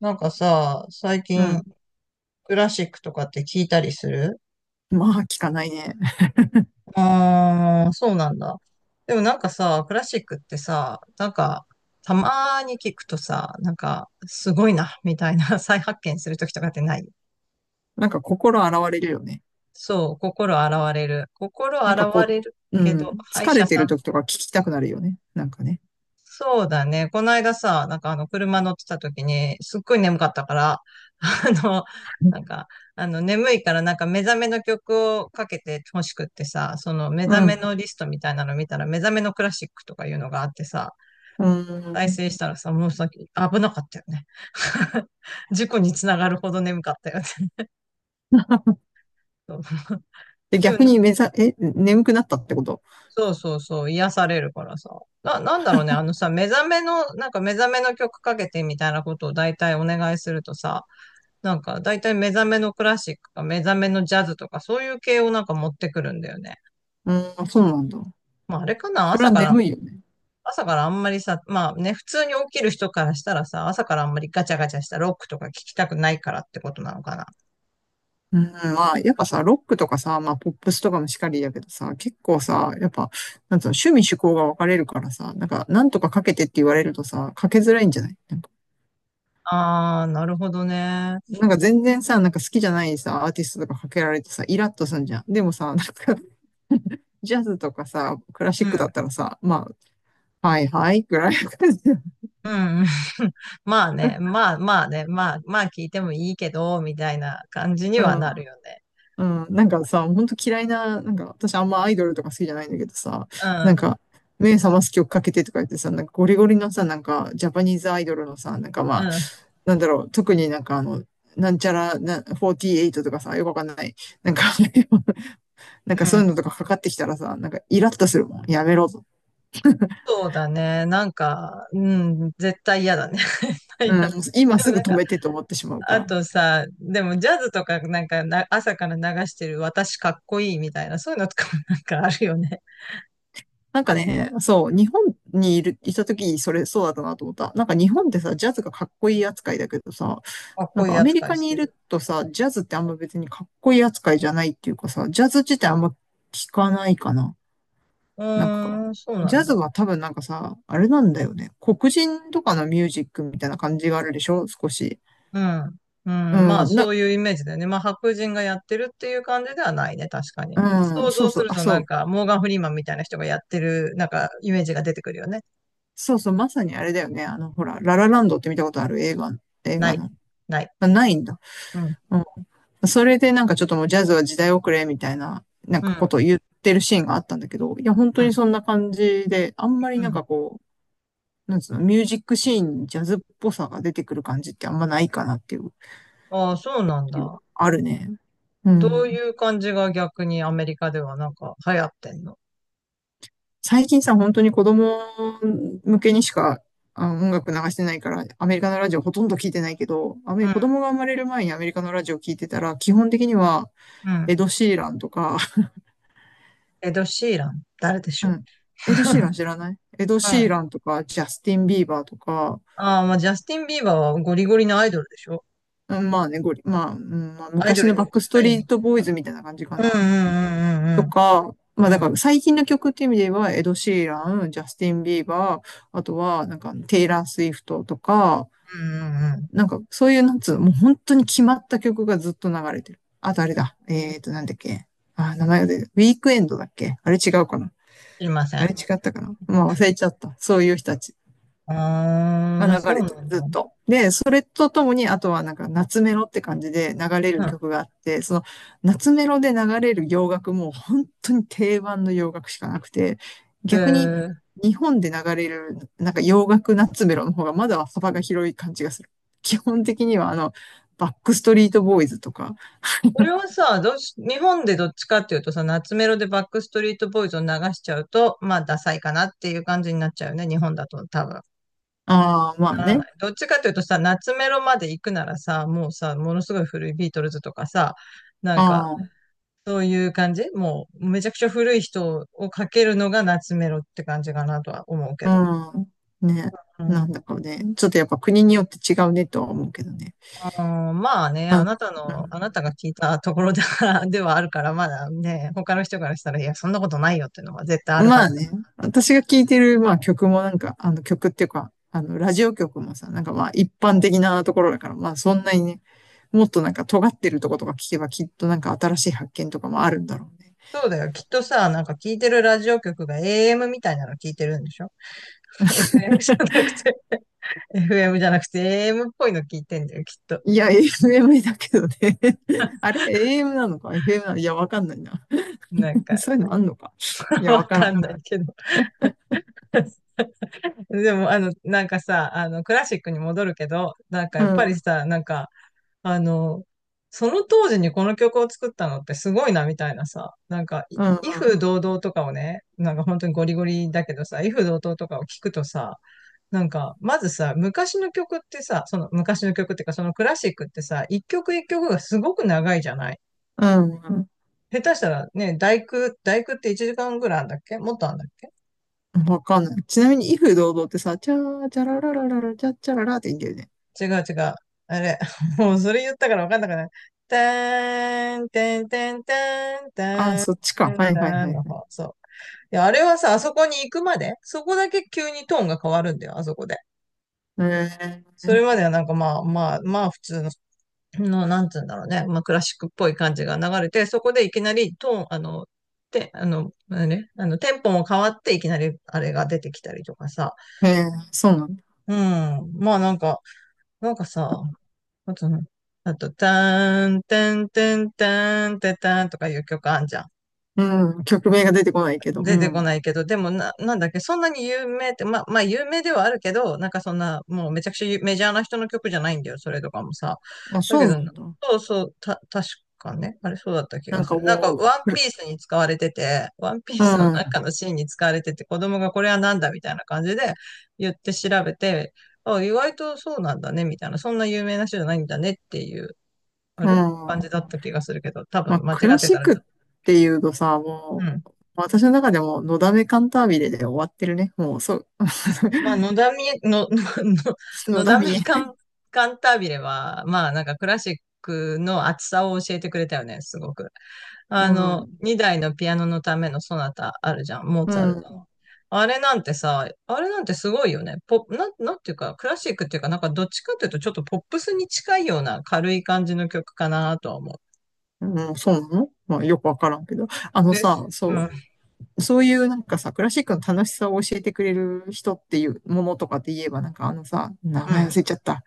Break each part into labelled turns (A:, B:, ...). A: なんかさ、最
B: う
A: 近
B: ん。
A: クラシックとかって聞いたりする？
B: まあ、聞かないね。
A: ああー、そうなんだ。でもなんかさ、クラシックってさ、なんか、たまーに聞くとさ、なんか、すごいな、みたいな 再発見するときとかってない？
B: なんか心洗われるよね。
A: そう、心洗われる。心
B: なんか
A: 洗わ
B: こ
A: れるけど、歯医
B: 疲
A: 者
B: れて
A: さ
B: る
A: ん。
B: 時とか聞きたくなるよね。なんかね。
A: そうだね。この間さ、なんかあの、車乗ってた時に、すっごい眠かったから、あの、なんか、あの、眠いからなんか目覚めの曲をかけて欲しくってさ、その目覚
B: う
A: め
B: ん。
A: のリストみたいなの見たら、目覚めのクラシックとかいうのがあってさ、
B: う
A: 再
B: ん。
A: 生したらさ、もうさ、危なかったよね。事故につながるほど眠かったよね。そう。
B: で、
A: でも
B: 逆
A: ね、
B: に目ざ、眠くなったってこと？
A: そうそうそう、癒されるからさ。なんだろうね、あのさ、目覚めの、なんか目覚めの曲かけてみたいなことを大体お願いするとさ、なんか、だいたい目覚めのクラシックか目覚めのジャズとか、そういう系をなんか持ってくるんだよね。
B: うん、そうなんだ。
A: まあ、あれかな、
B: それ
A: 朝
B: は
A: から、
B: 眠いよね。
A: 朝からあんまりさ、まあね、普通に起きる人からしたらさ、朝からあんまりガチャガチャしたロックとか聞きたくないからってことなのかな。
B: うん、まあ、やっぱさ、ロックとかさ、まあ、ポップスとかもしかりだけどさ、結構さ、やっぱ、なんつうの、趣味趣向が分かれるからさ、なんか、なんとかかけてって言われるとさ、かけづらいんじゃない？
A: あー、なるほどね。
B: なんか全然さ、なんか好きじゃないさ、アーティストとかかけられてさ、イラッとすんじゃん。でもさ、なんか、ジャズとかさ、クラシ
A: う
B: ック
A: ん、
B: だったらさ、まあ、はいはいぐらいの感じだよ。
A: うん、うん。まあね、まあまあね、まあ、まあ聞いてもいいけど、みたいな感じにはなるよね。
B: うん、うん。なんかさ、ほんと嫌いな、なんか、私あんまアイドルとか好きじゃないんだけどさ、
A: う
B: なん
A: ん、
B: か、目覚ます曲かけてとか言ってさ、なんかゴリゴリのさ、なんか、ジャパニーズアイドルのさ、なんかま
A: う
B: あ、
A: ん、
B: なんだろう、特になんちゃらな、48とかさ、よくわかんない。なんか なんか
A: う
B: そういうの
A: ん。
B: とかかかってきたらさ、なんかイラッとするもん。やめろと。
A: そうだね。なんか、うん、絶対嫌だね。絶対
B: う
A: 嫌
B: ん、
A: だ。
B: 今
A: でも
B: すぐ
A: なん
B: 止
A: か、
B: めてと思ってしまうか
A: あ
B: ら。
A: とさ、でもジャズとかなんかな朝から流してる私かっこいいみたいな、そういうのとかもなんかあるよね。
B: なんかね、そう、日本にいる、いた時、それそうだったなと思った。なんか日本ってさ、ジャズがかっこいい扱いだけどさ、
A: かっ
B: なん
A: こいい
B: かアメリ
A: 扱い
B: カ
A: し
B: にい
A: て
B: る
A: る。
B: とさ、ジャズってあんま別にかっこいい扱いじゃないっていうかさ、ジャズ自体あんま聞かないかな。
A: う
B: なんか、
A: ーん、そうな
B: ジャ
A: ん
B: ズ
A: だ。
B: は多分なんかさ、あれなんだよね。黒人とかのミュージックみたいな感じがあるでしょ少し。
A: うん。うん、まあ
B: うん、
A: そういうイメージだよね。まあ白人がやってるっていう感じではないね、確かに。
B: うん、
A: 想
B: そ
A: 像
B: うそ
A: す
B: う、
A: る
B: あ、
A: と
B: そ
A: なん
B: う、
A: かモーガン・フリーマンみたいな人がやってるなんかイメージが出てくるよね。
B: そうそう、まさにあれだよね。あの、ほら、ララランドって見たことある映画、映
A: な
B: 画の。
A: い。ない。
B: まあないんだ。
A: うん。
B: うん。それでなんかちょっともうジャズは時代遅れみたいな、なん
A: う
B: かこ
A: ん。
B: とを言ってるシーンがあったんだけど、いや、本当
A: うん。
B: にそんな感じで、あんまり
A: うん。
B: なんつうの、ミュージックシーンにジャズっぽさが出てくる感じってあんまないかなっていう、
A: ああ、そうなんだ。
B: あるね。う
A: どう
B: ん。
A: いう感じが逆にアメリカではなんか流行ってんの？
B: 最近さ、本当に子供向けにしか、あ音楽流してないから、アメリカのラジオほとんど聞いてないけど、アメリ
A: う
B: 子供が生まれる前にアメリカのラジオ聞いてたら、基本的には、エ
A: ん。
B: ド・シーランとか、
A: エド・シーラン、誰でし
B: う
A: ょう。
B: ん。エド・シーラン 知らない？エド・
A: う
B: シー
A: ん。
B: ランとか、ジャスティン・ビーバーとか、
A: ああ、まあ、ジャスティン・ビーバーはゴリゴリのアイドルでしょ。
B: うん、まあね、ゴリ、まあ、うん、まあ、
A: アイド
B: 昔の
A: ル
B: バッ
A: に
B: クス
A: 近
B: ト
A: い
B: リー
A: み
B: ト・ボーイズみたいな感じか
A: たい。う
B: な。
A: んうんうん
B: と
A: うん
B: か、ま
A: う
B: あだ
A: ん。う
B: か
A: ん
B: ら最近の曲っていう意味では、エド・シーラン、ジャスティン・ビーバー、あとは、なんか、テイラー・スウィフトとか、
A: うんうん
B: なんか、そういう、なんつうの、もう本当に決まった曲がずっと流れてる。あとあれ
A: うん。
B: だ。
A: うん。
B: なんだっけ。あ、名前が出てる。ウィークエンドだっけ？あれ違うかな？
A: 知りませ
B: あ
A: ん。
B: れ違ったかな？まあ忘れちゃった。そういう人たち。が
A: ああ、
B: 流
A: そう
B: れて
A: な
B: る、
A: ん
B: ず
A: だ。
B: っと。で、それとともに、あとはなんか夏メロって感じで流れ
A: う
B: る
A: ん。
B: 曲があって、その夏メロで流れる洋楽も本当に定番の洋楽しかなくて、
A: え
B: 逆に
A: ー、
B: 日本で流れるなんか洋楽夏メロの方がまだ幅が広い感じがする。基本的にはあの、バックストリートボーイズとか、
A: これはさ、どうし、日本でどっちかっていうとさ、夏メロでバックストリートボーイズを流しちゃうと、まあ、ダサいかなっていう感じになっちゃうよね、日本だと多分。わ
B: ああ、まあ
A: からな
B: ね、
A: い。どっちかっていうとさ、夏メロまで行くならさ、もうさ、ものすごい古いビートルズとかさ、なんか、
B: ああ、
A: そういう感じもう、めちゃくちゃ古い人をかけるのが夏メロって感じかなとは思うけ
B: う
A: ど。
B: ん、ね、
A: う
B: な
A: ん、
B: んだかね、ちょっとやっぱ国によって違うねとは思うけどね。
A: あーまあね、
B: あ、う
A: あな
B: ん、
A: たの、あなたが聞いたところでは、ではあるから、まだね、他の人からしたら、いや、そんなことないよっていうのは絶対あるは
B: まあ
A: ずだ。
B: ね、私が聴いてる、まあ曲もなんか、あの曲っていうか、あの、ラジオ曲もさ、なんかまあ一般的なところだから、まあそんなにね、もっとなんか尖ってるとことか聞けばきっとなんか新しい発見とかもあるんだろうね。
A: そうだよ。きっとさ、なんか聞いてるラジオ局が AM みたいなの聞いてるんでしょ ?FM じゃなくて、FM じゃなくて AM っぽいの聞いてんだよ、きっと。
B: いや、FM だけどね。あれ？ AM なのか？ FM なのか、いや、わかんないな。
A: なん か、
B: そういうのあんのか？い や、
A: わ
B: わから
A: か
B: ん。
A: んないけど。でも、あの、なんかさ、あの、クラシックに戻るけど、なんか
B: う
A: やっ
B: ん、
A: ぱ
B: う
A: り
B: ん、
A: さ、なんか、あの、その当時にこの曲を作ったのってすごいな、みたいなさ、なんか、
B: う
A: 威風
B: ん、
A: 堂々とかをね、なんか本当にゴリゴリだけどさ、威風堂々とかを聞くとさ、なんか、まずさ、昔の曲ってさ、その昔の曲っていうか、そのクラシックってさ、一曲一曲がすごく長いじゃない？
B: うん、
A: 下手したらね、第九、第九って1時間ぐらいあんだっけ？もっとあんだっけ？
B: うん。わかんない。ちなみに、威風堂々ってさ、チャー、チャラララララ、チャッチャララって言うんだよね。
A: 違う違う。あれ、もうそれ言ったから分かんなくない？たーん、てんてんたん、
B: あ、
A: たん、
B: そっちか。はいはい
A: た
B: は
A: ん
B: い
A: の
B: はい。
A: 方。そう。いや、あれはさ、あそこに行くまで、そこだけ急にトーンが変わるんだよ、あそこで。
B: えー、
A: それまではなんかまあまあまあ普通の、のなんつうんだろうね、まあクラシックっぽい感じが流れて、そこでいきなりトーン、あの、て、あの、あれ、あの、テンポも変わっていきなりあれが出てきたりとかさ。
B: ええ、そうなんだ。
A: うん。まあなんか、なんかさ、あとね、あと、ターン、テン、テン、テン、テタンとかいう曲あんじゃん。
B: うん、曲名が出てこないけど、う
A: 出てこ
B: ん。
A: ないけど、でもな、なんだっけ、そんなに有名って、まあ、まあ、有名ではあるけど、なんかそんな、もうめちゃくちゃメジャーな人の曲じゃないんだよ、それとかもさ。
B: あ、
A: だ
B: そ
A: け
B: う
A: ど、
B: なんだ。
A: そうそう、確かね、あれそうだった気
B: な
A: が
B: ん
A: す
B: か
A: る。なんか、
B: もう、
A: ワンピ
B: く、
A: ースに使われてて、ワンピー
B: うん、
A: スの
B: う
A: 中のシーンに使われてて、子供がこれはなんだみたいな感じで言って調べて、あ、意外とそうなんだね、みたいな、そんな有名な人じゃないんだねっていうあれ感
B: ん。
A: じだった気がするけど、多
B: ま
A: 分
B: あ、
A: 間違
B: クラ
A: って
B: シ
A: た
B: ッ
A: ら
B: ク
A: ち
B: っ
A: ょっと。
B: ていうとさ、
A: う
B: も
A: ん。
B: う、私の中でも、のだめカンタービレで終わってるね。もう、そう、
A: まあ、のだめ、の
B: の
A: の
B: だ
A: だめ
B: みえ。
A: カン、カンタービレは、まあ、なんかクラシックの厚さを教えてくれたよね、すごく。
B: う
A: あの、
B: ん、
A: 2台のピアノのためのソナタあるじゃん、モー
B: う
A: ツァルトの。
B: ん、
A: あれなんてさ、あれなんてすごいよね。ポ、なん、なんていうか、クラシックっていうか、なんかどっちかっていうとちょっとポップスに近いような軽い感じの曲かなとは思う。
B: うん、そうなの？まあ、よくわからんけど。あの
A: で
B: さ、
A: す。う
B: そ
A: ん、
B: う、そういうなんかさ、クラシックの楽しさを教えてくれる人っていうものとかって言えば、なんかあのさ、名
A: う
B: 前忘れ
A: ん。
B: ちゃった。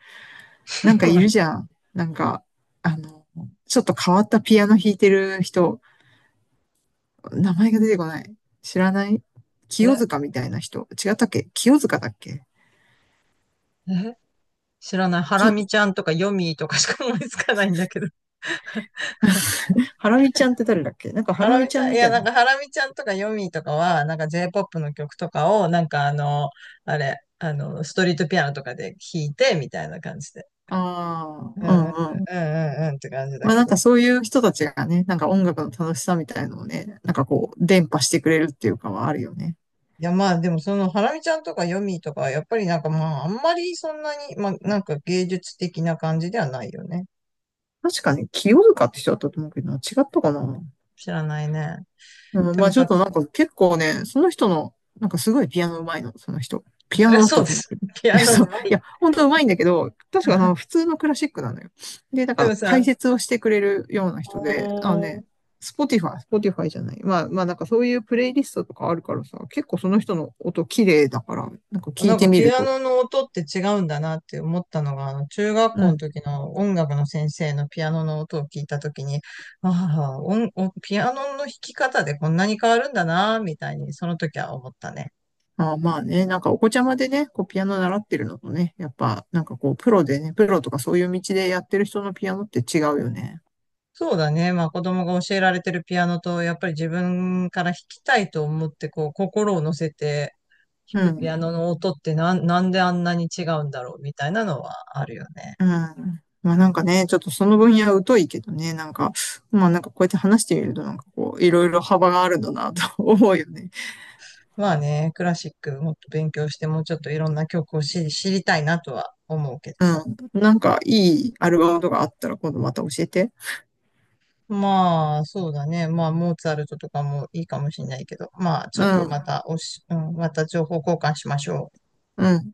B: なんかいるじ ゃん。なんか、あの、ちょっと変わったピアノ弾いてる人、名前が出てこない。知らない？清
A: え、
B: 塚みたいな人。違ったっけ？清塚だっけ？
A: え、知らない。ハラ
B: き、
A: ミちゃんとかヨミーとかしか思いつかないんだけど。
B: ハラミちゃんって誰だっけ？なんかハ
A: ハ
B: ラ
A: ラ
B: ミ
A: ミ
B: ち
A: ち
B: ゃ
A: ゃ
B: ん
A: ん、い
B: みた
A: や、
B: い
A: な
B: な。
A: んか、ハラミちゃんとかヨミーとかは、なんか J-POP の曲とかを、なんかあの、あれ、あの、ストリートピアノとかで弾いて、みたいな感じで。
B: ああ、
A: うん、
B: う
A: うん、
B: んうん。
A: うん、うんうんって感じだ
B: まあ
A: け
B: なん
A: ど。
B: かそういう人たちがね、なんか音楽の楽しさみたいのをね、なんかこう、伝播してくれるっていうかはあるよね。
A: いや、まあ、でもその、ハラミちゃんとかヨミーとかは、やっぱりなんかまあ、あんまりそんなに、まあ、なんか芸術的な感じではないよね。
B: 確かに清塚って人だったと思うけど違ったかな？
A: 知らないね。
B: うん、
A: で
B: ま
A: も
B: あちょっ
A: さ、
B: となんか結構ね、その人の、なんかすごいピアノ上手いの、その人。ピ
A: そ
B: ア
A: り
B: ノ
A: ゃ
B: だっ
A: そう
B: た
A: で
B: と思うんだ
A: す。
B: けど。
A: ピア ノう
B: そう。い
A: まい。
B: や、本当上手いんだけど、確かあの、普通のクラシックなのよ。で、なん
A: でも
B: か解
A: さ、
B: 説をしてくれるような
A: あ
B: 人で、あの
A: ー、
B: ね、スポティファイ、スポティファイじゃない。まあまあなんかそういうプレイリストとかあるからさ、結構その人の音綺麗だから、なんか聞
A: な
B: い
A: ん
B: て
A: か
B: み
A: ピ
B: る
A: ア
B: と。
A: ノの音って違うんだなって思ったのが、あの中学
B: う
A: 校の
B: ん。
A: 時の音楽の先生のピアノの音を聞いた時に、ああ、音ピアノの弾き方でこんなに変わるんだな、みたいにその時は思ったね。
B: ああまあね、なんかお子ちゃまでね、こうピアノ習ってるのとね、やっぱなんかこうプロでね、プロとかそういう道でやってる人のピアノって違うよね。
A: そうだね。まあ子供が教えられてるピアノと、やっぱり自分から弾きたいと思って、こう心を乗せて
B: う
A: 弾くピア
B: ん。
A: ノの音ってなんであんなに違うんだろうみたいなのはあるよね。
B: うん。まあなんかね、ちょっとその分野疎いけどね、なんか、まあなんかこうやって話してみるとなんかこう、いろいろ幅があるんだなと 思うよね。
A: まあね、クラシックもっと勉強して、もうちょっといろんな曲を知りたいなとは思うけどさ。
B: うん。なんかいいアルバムとかあったら今度また教えて。
A: まあ、そうだね。まあ、モーツァルトとかもいいかもしれないけど、まあ、ちょ
B: う
A: っと
B: ん。
A: またおし、うん、また情報交換しましょう。
B: うん。